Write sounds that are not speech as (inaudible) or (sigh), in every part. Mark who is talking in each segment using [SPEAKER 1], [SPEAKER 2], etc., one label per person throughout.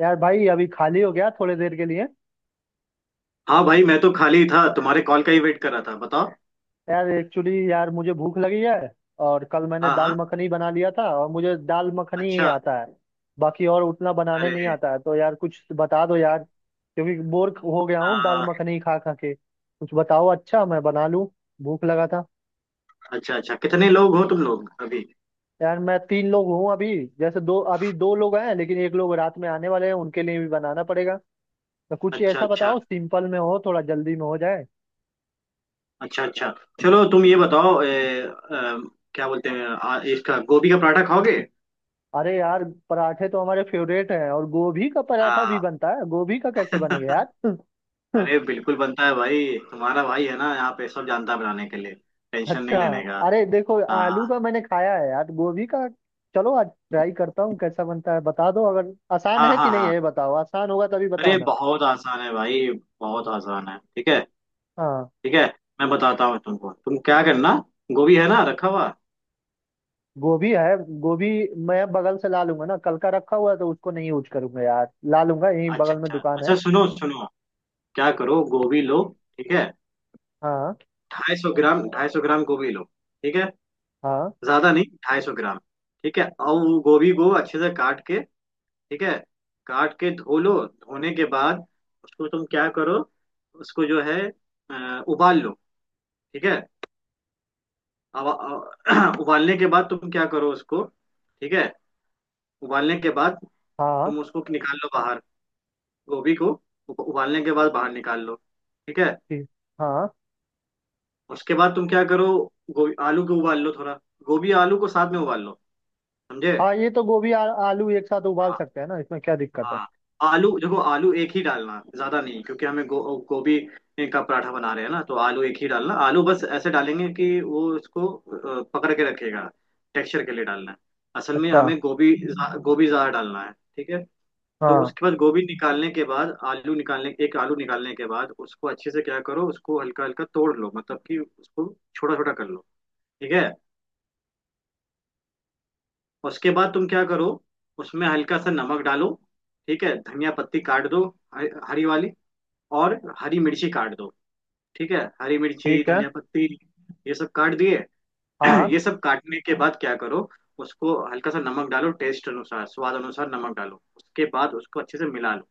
[SPEAKER 1] यार भाई अभी खाली हो गया थोड़ी देर के लिए।
[SPEAKER 2] हाँ भाई, मैं तो खाली था, तुम्हारे कॉल का ही वेट कर रहा था। बताओ।
[SPEAKER 1] यार एक्चुअली यार मुझे भूख लगी है। और कल मैंने
[SPEAKER 2] हाँ
[SPEAKER 1] दाल
[SPEAKER 2] हाँ।
[SPEAKER 1] मखनी बना लिया था और मुझे दाल मखनी ही
[SPEAKER 2] अच्छा।
[SPEAKER 1] आता है। बाकी और उतना बनाने
[SPEAKER 2] अरे
[SPEAKER 1] नहीं आता है तो यार कुछ बता दो यार क्योंकि बोर हो गया हूँ दाल
[SPEAKER 2] आ,
[SPEAKER 1] मखनी खा खा के। कुछ बताओ अच्छा मैं बना लूँ। भूख लगा था।
[SPEAKER 2] अच्छा अच्छा, कितने लोग हो तुम लोग अभी?
[SPEAKER 1] यार मैं तीन लोग हूँ अभी। जैसे दो अभी दो लोग हैं लेकिन एक लोग रात में आने वाले हैं उनके लिए भी बनाना पड़ेगा। तो कुछ
[SPEAKER 2] अच्छा
[SPEAKER 1] ऐसा
[SPEAKER 2] अच्छा।
[SPEAKER 1] बताओ सिंपल में हो थोड़ा जल्दी में हो जाए।
[SPEAKER 2] अच्छा अच्छा। चलो तुम ये बताओ, क्या बोलते हैं, इसका गोभी का पराठा खाओगे?
[SPEAKER 1] अरे यार। पराठे तो हमारे फेवरेट हैं और गोभी का पराठा भी
[SPEAKER 2] हाँ।
[SPEAKER 1] बनता है गोभी का कैसे बनेगा यार? (laughs)
[SPEAKER 2] अरे बिल्कुल बनता है भाई, तुम्हारा भाई है ना यहाँ पे, सब जानता है बनाने के लिए। टेंशन नहीं
[SPEAKER 1] अच्छा।
[SPEAKER 2] लेने का।
[SPEAKER 1] अरे देखो आलू
[SPEAKER 2] हाँ
[SPEAKER 1] का मैंने खाया है यार गोभी का। चलो आज ट्राई करता हूँ कैसा बनता है बता दो अगर आसान
[SPEAKER 2] हाँ
[SPEAKER 1] है कि
[SPEAKER 2] हाँ
[SPEAKER 1] नहीं है
[SPEAKER 2] हाँ।
[SPEAKER 1] ये बताओ आसान होगा तभी
[SPEAKER 2] अरे
[SPEAKER 1] बताना।
[SPEAKER 2] बहुत आसान है भाई, बहुत आसान है। ठीक है।
[SPEAKER 1] हाँ।
[SPEAKER 2] ठीक है। मैं बताता हूँ तुमको, तुम क्या करना। गोभी है ना रखा हुआ?
[SPEAKER 1] गोभी है। गोभी। मैं बगल से ला लूंगा ना कल का रखा हुआ है तो उसको नहीं यूज करूंगा यार ला लूंगा यहीं
[SPEAKER 2] अच्छा
[SPEAKER 1] बगल में
[SPEAKER 2] अच्छा
[SPEAKER 1] दुकान है।
[SPEAKER 2] अच्छा, सुनो सुनो, क्या करो, गोभी लो। ठीक है।
[SPEAKER 1] हाँ
[SPEAKER 2] ढाई सौ ग्राम, ढाई सौ ग्राम गोभी लो। ठीक है,
[SPEAKER 1] हाँ
[SPEAKER 2] ज्यादा नहीं, ढाई सौ ग्राम। ठीक है, और वो गोभी को अच्छे से काट के, ठीक है, काट के धो लो। धोने के बाद उसको तुम क्या करो, उसको, जो है, उबाल लो। ठीक है। अब (clears throat) उबालने के बाद तुम क्या करो उसको। ठीक है। उबालने के बाद
[SPEAKER 1] हाँ।
[SPEAKER 2] तुम उसको निकाल लो बाहर, गोभी को। उबालने के बाद बाहर निकाल लो। ठीक है।
[SPEAKER 1] ठीक। हाँ।
[SPEAKER 2] उसके बाद तुम क्या करो, गोभी आलू को उबाल लो थोड़ा, गोभी आलू को साथ में उबाल लो, समझे?
[SPEAKER 1] हाँ ये तो गोभी आलू एक साथ उबाल
[SPEAKER 2] हाँ
[SPEAKER 1] सकते हैं ना इसमें क्या दिक्कत है?
[SPEAKER 2] हाँ। आलू देखो, आलू एक ही डालना, ज्यादा नहीं, क्योंकि हमें गोभी का पराठा बना रहे हैं ना, तो आलू एक ही डालना। आलू बस ऐसे डालेंगे कि वो उसको पकड़ के रखेगा। टेक्सचर के लिए डालना है, असल में
[SPEAKER 1] अच्छा।
[SPEAKER 2] हमें गोभी गोभी ज्यादा डालना है। ठीक है। तो
[SPEAKER 1] हाँ।
[SPEAKER 2] उसके बाद, गोभी निकालने के बाद, आलू निकालने, एक आलू निकालने के बाद उसको अच्छे से क्या करो, उसको हल्का हल्का तोड़ लो, मतलब कि उसको छोटा छोटा कर लो। ठीक है। उसके बाद तुम क्या करो, उसमें हल्का सा नमक डालो। ठीक है, धनिया पत्ती काट दो, हरी हरी वाली, और हरी मिर्ची काट दो। ठीक है, हरी मिर्ची,
[SPEAKER 1] ठीक है।
[SPEAKER 2] धनिया पत्ती, ये सब काट दिए।
[SPEAKER 1] हाँ
[SPEAKER 2] (clears throat) ये सब काटने के बाद क्या करो, उसको हल्का सा नमक डालो, टेस्ट अनुसार, स्वाद अनुसार नमक डालो, उसके बाद उसको अच्छे से मिला लो।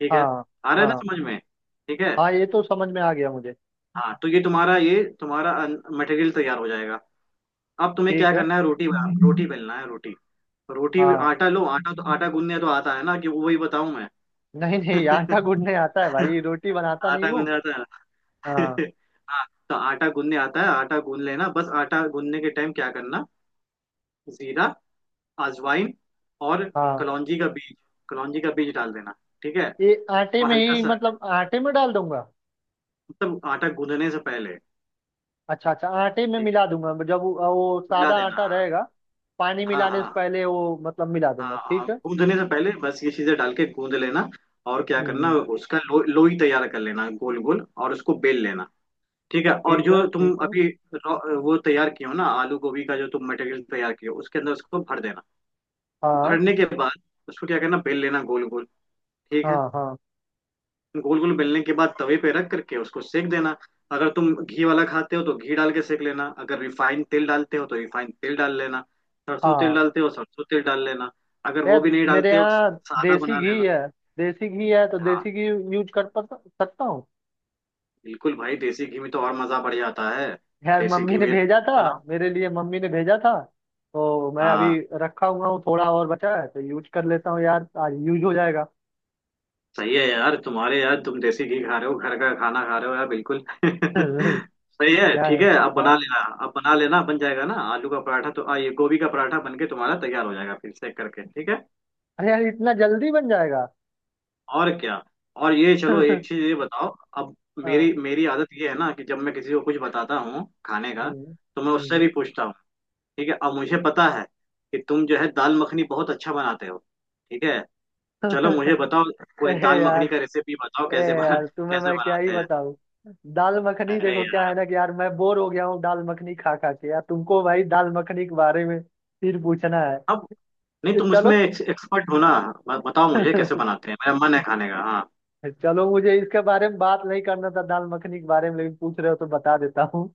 [SPEAKER 2] ठीक है।
[SPEAKER 1] हाँ
[SPEAKER 2] आ रहा है ना
[SPEAKER 1] हाँ।
[SPEAKER 2] समझ में? ठीक है।
[SPEAKER 1] हाँ ये तो समझ में आ गया मुझे।
[SPEAKER 2] हाँ तो ये तुम्हारा, ये तुम्हारा मटेरियल तैयार हो जाएगा। अब तुम्हें क्या
[SPEAKER 1] ठीक है।
[SPEAKER 2] करना है, रोटी बेलना है, रोटी, रोटी।
[SPEAKER 1] हाँ।
[SPEAKER 2] आटा लो, आटा, तो आटा गूंदने तो आता है ना, कि वो वही बताऊं मैं?
[SPEAKER 1] नहीं नहीं आटा
[SPEAKER 2] (laughs)
[SPEAKER 1] गूंदने आता है भाई रोटी बनाता नहीं
[SPEAKER 2] आटा
[SPEAKER 1] हूँ।
[SPEAKER 2] गूंदने आता है ना?
[SPEAKER 1] हाँ।
[SPEAKER 2] (laughs) हाँ, तो आटा गूंदने आता है, आटा गूंद लेना। बस आटा गूंदने के टाइम क्या करना, जीरा, अजवाइन और
[SPEAKER 1] हाँ
[SPEAKER 2] कलौंजी का बीज, कलौंजी का बीज डाल देना। ठीक है,
[SPEAKER 1] ये आटे
[SPEAKER 2] और
[SPEAKER 1] में
[SPEAKER 2] हल्का
[SPEAKER 1] ही
[SPEAKER 2] सा,
[SPEAKER 1] मतलब आटे में डाल दूंगा।
[SPEAKER 2] मतलब आटा गूंदने से पहले।
[SPEAKER 1] अच्छा अच्छा आटे में
[SPEAKER 2] ठीक है,
[SPEAKER 1] मिला दूंगा जब वो
[SPEAKER 2] मिला
[SPEAKER 1] सादा
[SPEAKER 2] देना।
[SPEAKER 1] आटा
[SPEAKER 2] हाँ
[SPEAKER 1] रहेगा। पानी मिलाने से
[SPEAKER 2] हाँ
[SPEAKER 1] पहले वो मतलब मिला
[SPEAKER 2] हाँ
[SPEAKER 1] दूंगा
[SPEAKER 2] हाँ हाँ,
[SPEAKER 1] ठीक है।
[SPEAKER 2] गूंदने से पहले बस ये चीजें डाल के गूंद लेना। और क्या करना,
[SPEAKER 1] हम्म।
[SPEAKER 2] उसका लोई तैयार कर लेना, गोल गोल, और उसको बेल लेना। ठीक है। और
[SPEAKER 1] ठीक है
[SPEAKER 2] जो तुम
[SPEAKER 1] ठीक है।
[SPEAKER 2] अभी वो तैयार किए हो ना, आलू गोभी का जो तुम मटेरियल तैयार किए हो, उसके अंदर उसको भर देना।
[SPEAKER 1] हाँ
[SPEAKER 2] भरने के बाद उसको क्या करना, बेल लेना गोल गोल। ठीक है।
[SPEAKER 1] हाँ हाँ
[SPEAKER 2] गोल गोल बेलने के बाद तवे पे रख करके उसको सेक देना। अगर तुम घी वाला खाते हो तो घी डाल के सेक लेना, अगर रिफाइंड तेल डालते हो तो रिफाइंड तेल डाल लेना, सरसों तेल
[SPEAKER 1] हाँ।
[SPEAKER 2] डालते हो सरसों तेल डाल लेना। अगर वो
[SPEAKER 1] यार
[SPEAKER 2] भी नहीं
[SPEAKER 1] मेरे
[SPEAKER 2] डालते हो,
[SPEAKER 1] यहाँ
[SPEAKER 2] सादा
[SPEAKER 1] देसी
[SPEAKER 2] बना
[SPEAKER 1] घी
[SPEAKER 2] लेना।
[SPEAKER 1] है। देसी घी है तो
[SPEAKER 2] हाँ,
[SPEAKER 1] देसी घी यूज कर सकता हूँ।
[SPEAKER 2] बिल्कुल भाई, देसी घी में तो और मजा बढ़ जाता है।
[SPEAKER 1] यार
[SPEAKER 2] देसी
[SPEAKER 1] मम्मी
[SPEAKER 2] घी
[SPEAKER 1] ने
[SPEAKER 2] में
[SPEAKER 1] भेजा था।
[SPEAKER 2] बनाओ।
[SPEAKER 1] मेरे लिए मम्मी ने भेजा था। तो मैं
[SPEAKER 2] हाँ,
[SPEAKER 1] अभी रखा हुआ हूँ थोड़ा और बचा है तो यूज कर लेता हूँ यार आज यूज हो जाएगा। (laughs)
[SPEAKER 2] सही है यार, तुम्हारे, यार तुम देसी घी खा रहे हो, घर का खाना खा रहे हो यार, बिल्कुल। (laughs)
[SPEAKER 1] क्या
[SPEAKER 2] सही है, ठीक
[SPEAKER 1] है।
[SPEAKER 2] है, अब
[SPEAKER 1] हाँ।
[SPEAKER 2] बना लेना। अब बना लेना, बन जाएगा ना आलू का पराठा, तो ये गोभी का पराठा बन के तुम्हारा तैयार हो जाएगा, फिर सेक करके। ठीक है।
[SPEAKER 1] अरे यार इतना जल्दी बन जाएगा!
[SPEAKER 2] और क्या, और ये चलो एक
[SPEAKER 1] (laughs)
[SPEAKER 2] चीज ये बताओ अब।
[SPEAKER 1] हाँ।
[SPEAKER 2] मेरी मेरी आदत ये है ना, कि जब मैं किसी को कुछ बताता हूँ खाने का,
[SPEAKER 1] हम्म।
[SPEAKER 2] तो मैं उससे
[SPEAKER 1] हम्म।
[SPEAKER 2] भी पूछता हूँ। ठीक है, अब मुझे पता है कि तुम जो है दाल मखनी बहुत अच्छा बनाते हो। ठीक है। चलो मुझे
[SPEAKER 1] (laughs)
[SPEAKER 2] बताओ,
[SPEAKER 1] ए
[SPEAKER 2] कोई दाल मखनी
[SPEAKER 1] यार
[SPEAKER 2] का रेसिपी बताओ,
[SPEAKER 1] ए
[SPEAKER 2] कैसे बना,
[SPEAKER 1] यार तुम्हें
[SPEAKER 2] कैसे
[SPEAKER 1] मैं क्या ही
[SPEAKER 2] बनाते हैं।
[SPEAKER 1] बताऊँ। दाल मखनी
[SPEAKER 2] अरे
[SPEAKER 1] देखो क्या
[SPEAKER 2] यार,
[SPEAKER 1] है ना कि यार मैं बोर हो गया हूँ दाल मखनी खा खा के यार तुमको भाई दाल मखनी के बारे में फिर पूछना है।
[SPEAKER 2] अब नहीं, तुम
[SPEAKER 1] चलो।
[SPEAKER 2] इसमें एक्सपर्ट हो ना, बताओ मुझे कैसे बनाते हैं, मेरा मन है खाने का। हाँ
[SPEAKER 1] चलो मुझे इसके बारे में बात नहीं करना था दाल मखनी के बारे में लेकिन पूछ रहे हो तो बता देता हूँ।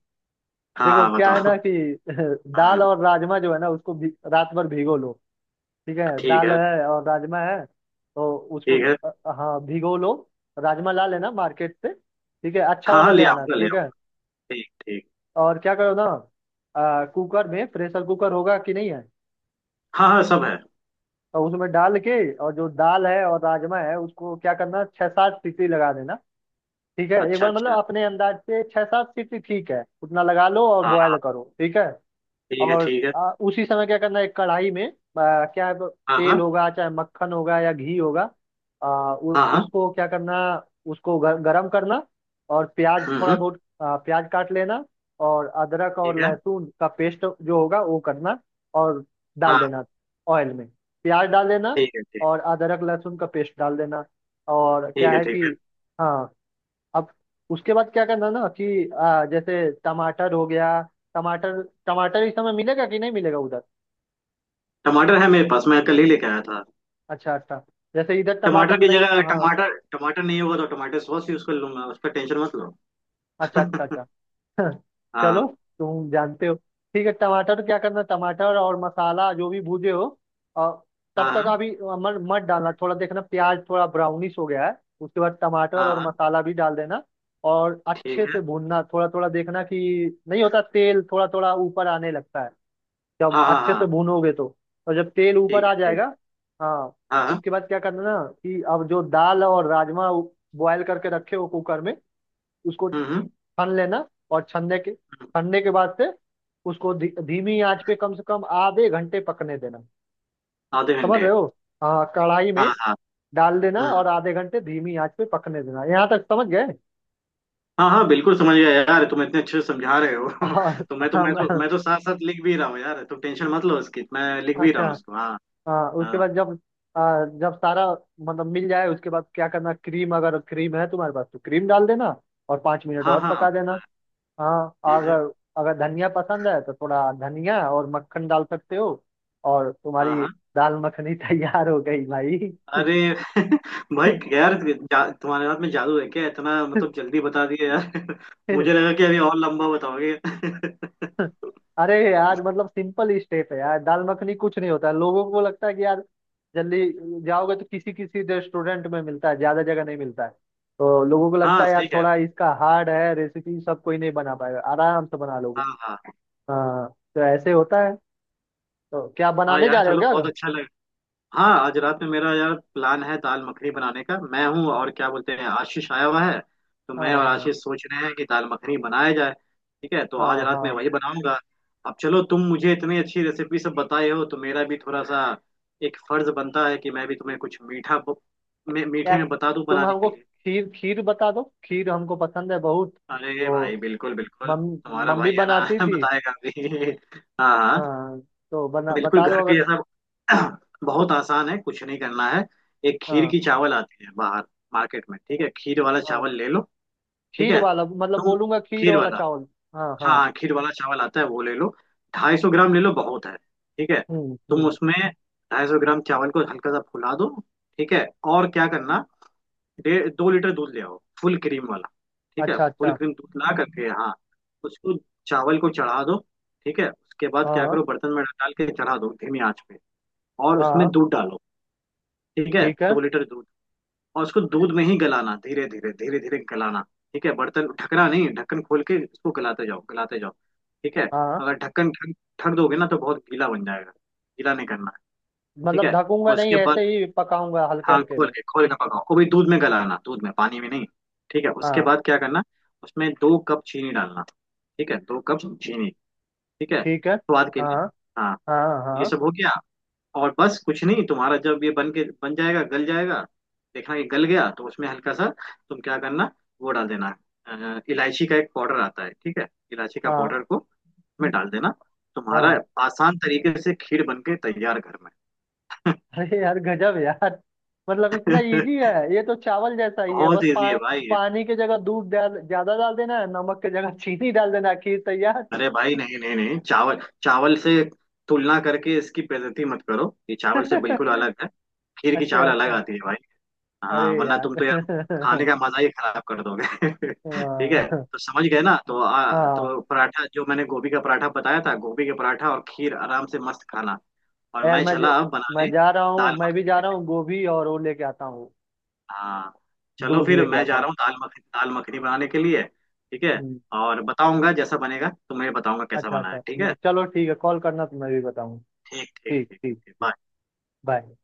[SPEAKER 2] हाँ
[SPEAKER 1] देखो
[SPEAKER 2] हाँ
[SPEAKER 1] क्या है ना
[SPEAKER 2] बताओ।
[SPEAKER 1] कि (laughs) दाल
[SPEAKER 2] हम्म।
[SPEAKER 1] और राजमा जो है ना उसको भी रात भर भिगो लो। ठीक है
[SPEAKER 2] ठीक
[SPEAKER 1] दाल
[SPEAKER 2] है,
[SPEAKER 1] है और राजमा है तो उसको
[SPEAKER 2] ठीक है।
[SPEAKER 1] अ, हाँ भिगो लो। राजमा ला लेना मार्केट से ठीक है अच्छा
[SPEAKER 2] हाँ
[SPEAKER 1] वाला
[SPEAKER 2] हाँ, ले
[SPEAKER 1] ले आना
[SPEAKER 2] आऊंगा, ले
[SPEAKER 1] ठीक
[SPEAKER 2] आऊंगा,
[SPEAKER 1] है।
[SPEAKER 2] ठीक ठीक।
[SPEAKER 1] और क्या करो ना कुकर में प्रेशर कुकर होगा कि नहीं है?
[SPEAKER 2] हाँ हाँ सब है।
[SPEAKER 1] तो उसमें डाल के और जो दाल है और राजमा है उसको क्या करना छह सात सीटी लगा देना। ठीक है एक
[SPEAKER 2] अच्छा
[SPEAKER 1] बार मतलब
[SPEAKER 2] अच्छा।
[SPEAKER 1] अपने अंदाज से छह सात सीटी ठीक है उतना लगा लो और
[SPEAKER 2] हाँ
[SPEAKER 1] बॉयल
[SPEAKER 2] हाँ।
[SPEAKER 1] करो ठीक है।
[SPEAKER 2] ठीक है
[SPEAKER 1] और
[SPEAKER 2] ठीक है।
[SPEAKER 1] उसी समय क्या करना है एक कढ़ाई में आ, क्या है,
[SPEAKER 2] हाँ हाँ
[SPEAKER 1] तेल होगा चाहे मक्खन होगा या घी होगा।
[SPEAKER 2] हाँ हाँ।
[SPEAKER 1] उसको क्या करना उसको गरम करना। और प्याज
[SPEAKER 2] हम्म
[SPEAKER 1] थोड़ा
[SPEAKER 2] हम्म,
[SPEAKER 1] बहुत प्याज काट लेना। और अदरक और
[SPEAKER 2] ठीक है।
[SPEAKER 1] लहसुन का पेस्ट जो होगा वो करना और डाल
[SPEAKER 2] हाँ।
[SPEAKER 1] देना ऑयल में। प्याज डाल देना
[SPEAKER 2] ठीक है। ठीक।
[SPEAKER 1] और अदरक लहसुन का पेस्ट डाल देना। और
[SPEAKER 2] ठीक
[SPEAKER 1] क्या
[SPEAKER 2] है।
[SPEAKER 1] है
[SPEAKER 2] ठीक
[SPEAKER 1] कि
[SPEAKER 2] है।
[SPEAKER 1] हाँ अब उसके बाद क्या करना ना कि जैसे टमाटर हो गया। टमाटर टमाटर इस समय मिलेगा कि नहीं मिलेगा उधर?
[SPEAKER 2] टमाटर है मेरे पास, मैं कल ही लेके आया था।
[SPEAKER 1] अच्छा अच्छा। जैसे इधर
[SPEAKER 2] टमाटर
[SPEAKER 1] टमाटर
[SPEAKER 2] की
[SPEAKER 1] नहीं
[SPEAKER 2] जगह,
[SPEAKER 1] हाँ।
[SPEAKER 2] टमाटर, टमाटर नहीं होगा तो टमाटर सॉस यूज कर लूंगा, उसका टेंशन मत
[SPEAKER 1] अच्छा अच्छा
[SPEAKER 2] लो। (laughs)
[SPEAKER 1] अच्छा। (laughs)
[SPEAKER 2] हाँ
[SPEAKER 1] चलो। तुम जानते हो। ठीक है टमाटर क्या करना टमाटर और मसाला जो भी भूजे हो और तब
[SPEAKER 2] हाँ
[SPEAKER 1] तक
[SPEAKER 2] हाँ
[SPEAKER 1] अभी मत मत डालना थोड़ा देखना प्याज थोड़ा ब्राउनिश हो गया है। उसके बाद टमाटर
[SPEAKER 2] हाँ
[SPEAKER 1] और
[SPEAKER 2] हाँ,
[SPEAKER 1] मसाला भी डाल देना। और
[SPEAKER 2] ठीक
[SPEAKER 1] अच्छे
[SPEAKER 2] है।
[SPEAKER 1] से भूनना थोड़ा थोड़ा देखना कि नहीं होता तेल थोड़ा थोड़ा ऊपर आने लगता है जब
[SPEAKER 2] हाँ हाँ
[SPEAKER 1] अच्छे से
[SPEAKER 2] हाँ।
[SPEAKER 1] भूनोगे तो। और जब तेल ऊपर
[SPEAKER 2] ठीक
[SPEAKER 1] आ
[SPEAKER 2] है ठीक
[SPEAKER 1] जाएगा
[SPEAKER 2] है।
[SPEAKER 1] हाँ
[SPEAKER 2] हाँ हाँ।
[SPEAKER 1] उसके बाद क्या करना ना कि अब जो दाल और राजमा बॉयल करके रखे हो कुकर में उसको
[SPEAKER 2] हम्म हम्म,
[SPEAKER 1] छन लेना। और छनने के बाद से उसको धीमी आंच पे कम से कम आधे घंटे पकने देना।
[SPEAKER 2] आधे
[SPEAKER 1] समझ
[SPEAKER 2] घंटे।
[SPEAKER 1] रहे हो? हाँ कढ़ाई में
[SPEAKER 2] हाँ हाँ।
[SPEAKER 1] डाल देना और
[SPEAKER 2] हम्म।
[SPEAKER 1] आधे घंटे धीमी आंच पे पकने देना यहाँ तक समझ गए?
[SPEAKER 2] हाँ हाँ बिल्कुल समझ गया यार, तुम इतने अच्छे से समझा रहे हो।
[SPEAKER 1] (laughs) और-
[SPEAKER 2] (laughs) तो मैं तो मैं तो
[SPEAKER 1] हम-
[SPEAKER 2] मैं तो साथ साथ लिख भी रहा हूँ यार, तुम टेंशन मत लो उसकी, मैं लिख भी रहा
[SPEAKER 1] अच्छा।
[SPEAKER 2] हूँ उसको। हाँ
[SPEAKER 1] हाँ उसके
[SPEAKER 2] हाँ
[SPEAKER 1] बाद जब जब सारा मतलब मिल जाए उसके बाद क्या करना क्रीम अगर क्रीम है तुम्हारे पास तो क्रीम डाल देना। और 5 मिनट
[SPEAKER 2] हाँ
[SPEAKER 1] और
[SPEAKER 2] हाँ।
[SPEAKER 1] पका देना। हाँ।
[SPEAKER 2] ठीक है।
[SPEAKER 1] अगर अगर धनिया पसंद है तो थोड़ा धनिया और मक्खन डाल सकते हो। और
[SPEAKER 2] हाँ
[SPEAKER 1] तुम्हारी
[SPEAKER 2] हाँ।
[SPEAKER 1] दाल मखनी (laughs) तैयार हो गई भाई।
[SPEAKER 2] अरे (laughs) भाई यार, तुम्हारे हाथ में जादू है क्या? इतना मतलब जल्दी बता दिए यार। (laughs) मुझे लगा कि अभी और लंबा बताओगे। (laughs)
[SPEAKER 1] (laughs) अरे यार मतलब सिंपल स्टेप है यार दाल मखनी कुछ नहीं होता है लोगों को लगता है कि यार जल्दी जाओगे तो किसी किसी रेस्टोरेंट में मिलता है ज्यादा जगह नहीं मिलता है। तो लोगों को लगता
[SPEAKER 2] हाँ
[SPEAKER 1] है
[SPEAKER 2] सही
[SPEAKER 1] यार
[SPEAKER 2] कह रहे
[SPEAKER 1] थोड़ा
[SPEAKER 2] हो।
[SPEAKER 1] इसका हार्ड है रेसिपी सब कोई नहीं बना पाएगा आराम से बना लोगे।
[SPEAKER 2] हाँ हाँ
[SPEAKER 1] हाँ तो ऐसे होता है तो क्या
[SPEAKER 2] हाँ।
[SPEAKER 1] बनाने जा
[SPEAKER 2] यार
[SPEAKER 1] रहे हो
[SPEAKER 2] चलो,
[SPEAKER 1] क्या?
[SPEAKER 2] बहुत अच्छा लगा। हाँ, आज रात में मेरा यार प्लान है दाल मखनी बनाने का, मैं हूँ और क्या बोलते हैं, आशीष आया हुआ है, तो मैं
[SPEAKER 1] हाँ
[SPEAKER 2] और
[SPEAKER 1] हाँ
[SPEAKER 2] आशीष सोच रहे हैं कि दाल मखनी बनाया जाए। ठीक है, तो आज
[SPEAKER 1] हाँ
[SPEAKER 2] रात में
[SPEAKER 1] हाँ।
[SPEAKER 2] वही बनाऊंगा। अब चलो, तुम मुझे इतनी अच्छी रेसिपी सब बताए हो, तो मेरा भी थोड़ा सा एक फर्ज बनता है कि मैं भी तुम्हें कुछ मीठा मीठे
[SPEAKER 1] यार
[SPEAKER 2] में बता दूं
[SPEAKER 1] तुम
[SPEAKER 2] बनाने
[SPEAKER 1] हमको
[SPEAKER 2] के लिए।
[SPEAKER 1] खीर खीर बता दो खीर हमको पसंद है बहुत।
[SPEAKER 2] अरे
[SPEAKER 1] तो
[SPEAKER 2] भाई, बिल्कुल बिल्कुल,
[SPEAKER 1] मम
[SPEAKER 2] तुम्हारा
[SPEAKER 1] मम्मी
[SPEAKER 2] भाई है ना,
[SPEAKER 1] बनाती
[SPEAKER 2] (laughs)
[SPEAKER 1] थी।
[SPEAKER 2] बताएगा भी। हाँ हाँ।
[SPEAKER 1] हाँ। तो बना
[SPEAKER 2] बिल्कुल
[SPEAKER 1] बता दो
[SPEAKER 2] घर के
[SPEAKER 1] अगर।
[SPEAKER 2] जैसा। (clears throat) बहुत आसान है, कुछ नहीं करना है। एक खीर
[SPEAKER 1] हाँ
[SPEAKER 2] की चावल आती है बाहर मार्केट में, ठीक है, खीर वाला
[SPEAKER 1] हाँ।
[SPEAKER 2] चावल ले लो। ठीक
[SPEAKER 1] खीर
[SPEAKER 2] है,
[SPEAKER 1] वाला मतलब
[SPEAKER 2] तुम
[SPEAKER 1] बोलूंगा खीर
[SPEAKER 2] खीर
[SPEAKER 1] वाला
[SPEAKER 2] वाला,
[SPEAKER 1] चावल। हाँ
[SPEAKER 2] हाँ
[SPEAKER 1] हाँ।
[SPEAKER 2] हाँ, खीर वाला चावल आता है, वो ले लो। ढाई सौ ग्राम ले लो, बहुत है। ठीक है, तुम
[SPEAKER 1] हम्म।
[SPEAKER 2] उसमें ढाई सौ ग्राम चावल को हल्का सा फुला दो। ठीक है। और क्या करना, डेढ़ दो लीटर दूध ले आओ, फुल क्रीम वाला। ठीक है,
[SPEAKER 1] अच्छा
[SPEAKER 2] फुल
[SPEAKER 1] अच्छा।
[SPEAKER 2] क्रीम दूध ला करके, हाँ, उसको, चावल को चढ़ा दो। ठीक है, उसके बाद क्या
[SPEAKER 1] हाँ
[SPEAKER 2] करो, बर्तन में डाल के चढ़ा दो धीमी आंच पे, और उसमें
[SPEAKER 1] हाँ।
[SPEAKER 2] दूध डालो। ठीक है,
[SPEAKER 1] ठीक है।
[SPEAKER 2] दो लीटर दूध, और उसको दूध में ही गलाना, धीरे धीरे धीरे धीरे गलाना। ठीक है, बर्तन ढकना नहीं, ढक्कन खोल के इसको गलाते जाओ गलाते जाओ। ठीक है,
[SPEAKER 1] हाँ
[SPEAKER 2] अगर ढक्कन ढक ढक दोगे ना, तो बहुत गीला बन जाएगा, गीला नहीं करना है। ठीक
[SPEAKER 1] मतलब
[SPEAKER 2] है। और
[SPEAKER 1] ढकूंगा नहीं
[SPEAKER 2] उसके बाद,
[SPEAKER 1] ऐसे ही पकाऊंगा हल्के
[SPEAKER 2] हाँ,
[SPEAKER 1] हल्के में।
[SPEAKER 2] खोल के पकाओ, वो भी दूध में गलाना, दूध में, पानी में नहीं। ठीक है, उसके
[SPEAKER 1] हाँ।
[SPEAKER 2] बाद क्या करना, उसमें दो कप चीनी डालना। ठीक है, दो कप चीनी, ठीक है,
[SPEAKER 1] ठीक है।
[SPEAKER 2] स्वाद के लिए।
[SPEAKER 1] हाँ
[SPEAKER 2] हाँ।
[SPEAKER 1] हाँ
[SPEAKER 2] ये
[SPEAKER 1] हाँ
[SPEAKER 2] सब हो गया। और बस कुछ नहीं, तुम्हारा जब ये बन के बन जाएगा, गल जाएगा, देखना कि गल गया तो उसमें हल्का सा तुम क्या करना, वो डाल देना, इलायची का एक पाउडर आता है, ठीक है, इलायची का
[SPEAKER 1] हाँ।
[SPEAKER 2] पाउडर को में डाल देना। तुम्हारा
[SPEAKER 1] हाँ।
[SPEAKER 2] आसान तरीके से खीर बन के तैयार घर में।
[SPEAKER 1] अरे यार गजब यार। मतलब इतना इजी
[SPEAKER 2] (laughs)
[SPEAKER 1] है ये तो चावल जैसा ही है
[SPEAKER 2] बहुत
[SPEAKER 1] बस
[SPEAKER 2] इजी है भाई ये।
[SPEAKER 1] पानी की जगह दूध डाल ज्यादा डाल देना है नमक की जगह चीनी डाल देना है, खीर तैयार।
[SPEAKER 2] अरे भाई, नहीं नहीं नहीं, चावल, चावल से तुलना करके इसकी बेइज्जती मत करो, ये चावल से बिल्कुल
[SPEAKER 1] (laughs)
[SPEAKER 2] अलग है। खीर की
[SPEAKER 1] अच्छा
[SPEAKER 2] चावल अलग
[SPEAKER 1] अच्छा।
[SPEAKER 2] आती है भाई।
[SPEAKER 1] अरे
[SPEAKER 2] हाँ, वरना
[SPEAKER 1] यार।
[SPEAKER 2] तुम तो यार
[SPEAKER 1] (laughs)
[SPEAKER 2] खाने का मजा ही खराब कर दोगे। (laughs) ठीक है।
[SPEAKER 1] हाँ
[SPEAKER 2] तो समझ गए ना, तो
[SPEAKER 1] हाँ।
[SPEAKER 2] तो पराठा, जो मैंने गोभी का पराठा बताया था, गोभी के पराठा और खीर आराम से मस्त खाना। और
[SPEAKER 1] यार
[SPEAKER 2] मैं
[SPEAKER 1] मैं
[SPEAKER 2] चला अब
[SPEAKER 1] मैं
[SPEAKER 2] बनाने,
[SPEAKER 1] जा रहा हूँ
[SPEAKER 2] दाल
[SPEAKER 1] मैं भी
[SPEAKER 2] मखनी
[SPEAKER 1] जा
[SPEAKER 2] के
[SPEAKER 1] रहा
[SPEAKER 2] लिए।
[SPEAKER 1] हूँ गोभी और वो लेके आता हूँ।
[SPEAKER 2] हाँ, चलो
[SPEAKER 1] दूध
[SPEAKER 2] फिर
[SPEAKER 1] लेके
[SPEAKER 2] मैं
[SPEAKER 1] आता
[SPEAKER 2] जा
[SPEAKER 1] हूँ।
[SPEAKER 2] रहा हूँ, दाल मखनी, दाल मखनी बनाने के लिए। ठीक है,
[SPEAKER 1] हम्म।
[SPEAKER 2] और बताऊंगा जैसा बनेगा, तुम्हें बताऊंगा कैसा
[SPEAKER 1] अच्छा
[SPEAKER 2] बना है। ठीक
[SPEAKER 1] अच्छा
[SPEAKER 2] है।
[SPEAKER 1] चलो ठीक है कॉल करना तो मैं भी बताऊँ।
[SPEAKER 2] ठीक ठीक
[SPEAKER 1] ठीक
[SPEAKER 2] ठीक,
[SPEAKER 1] ठीक।
[SPEAKER 2] Okay bye.
[SPEAKER 1] बाय।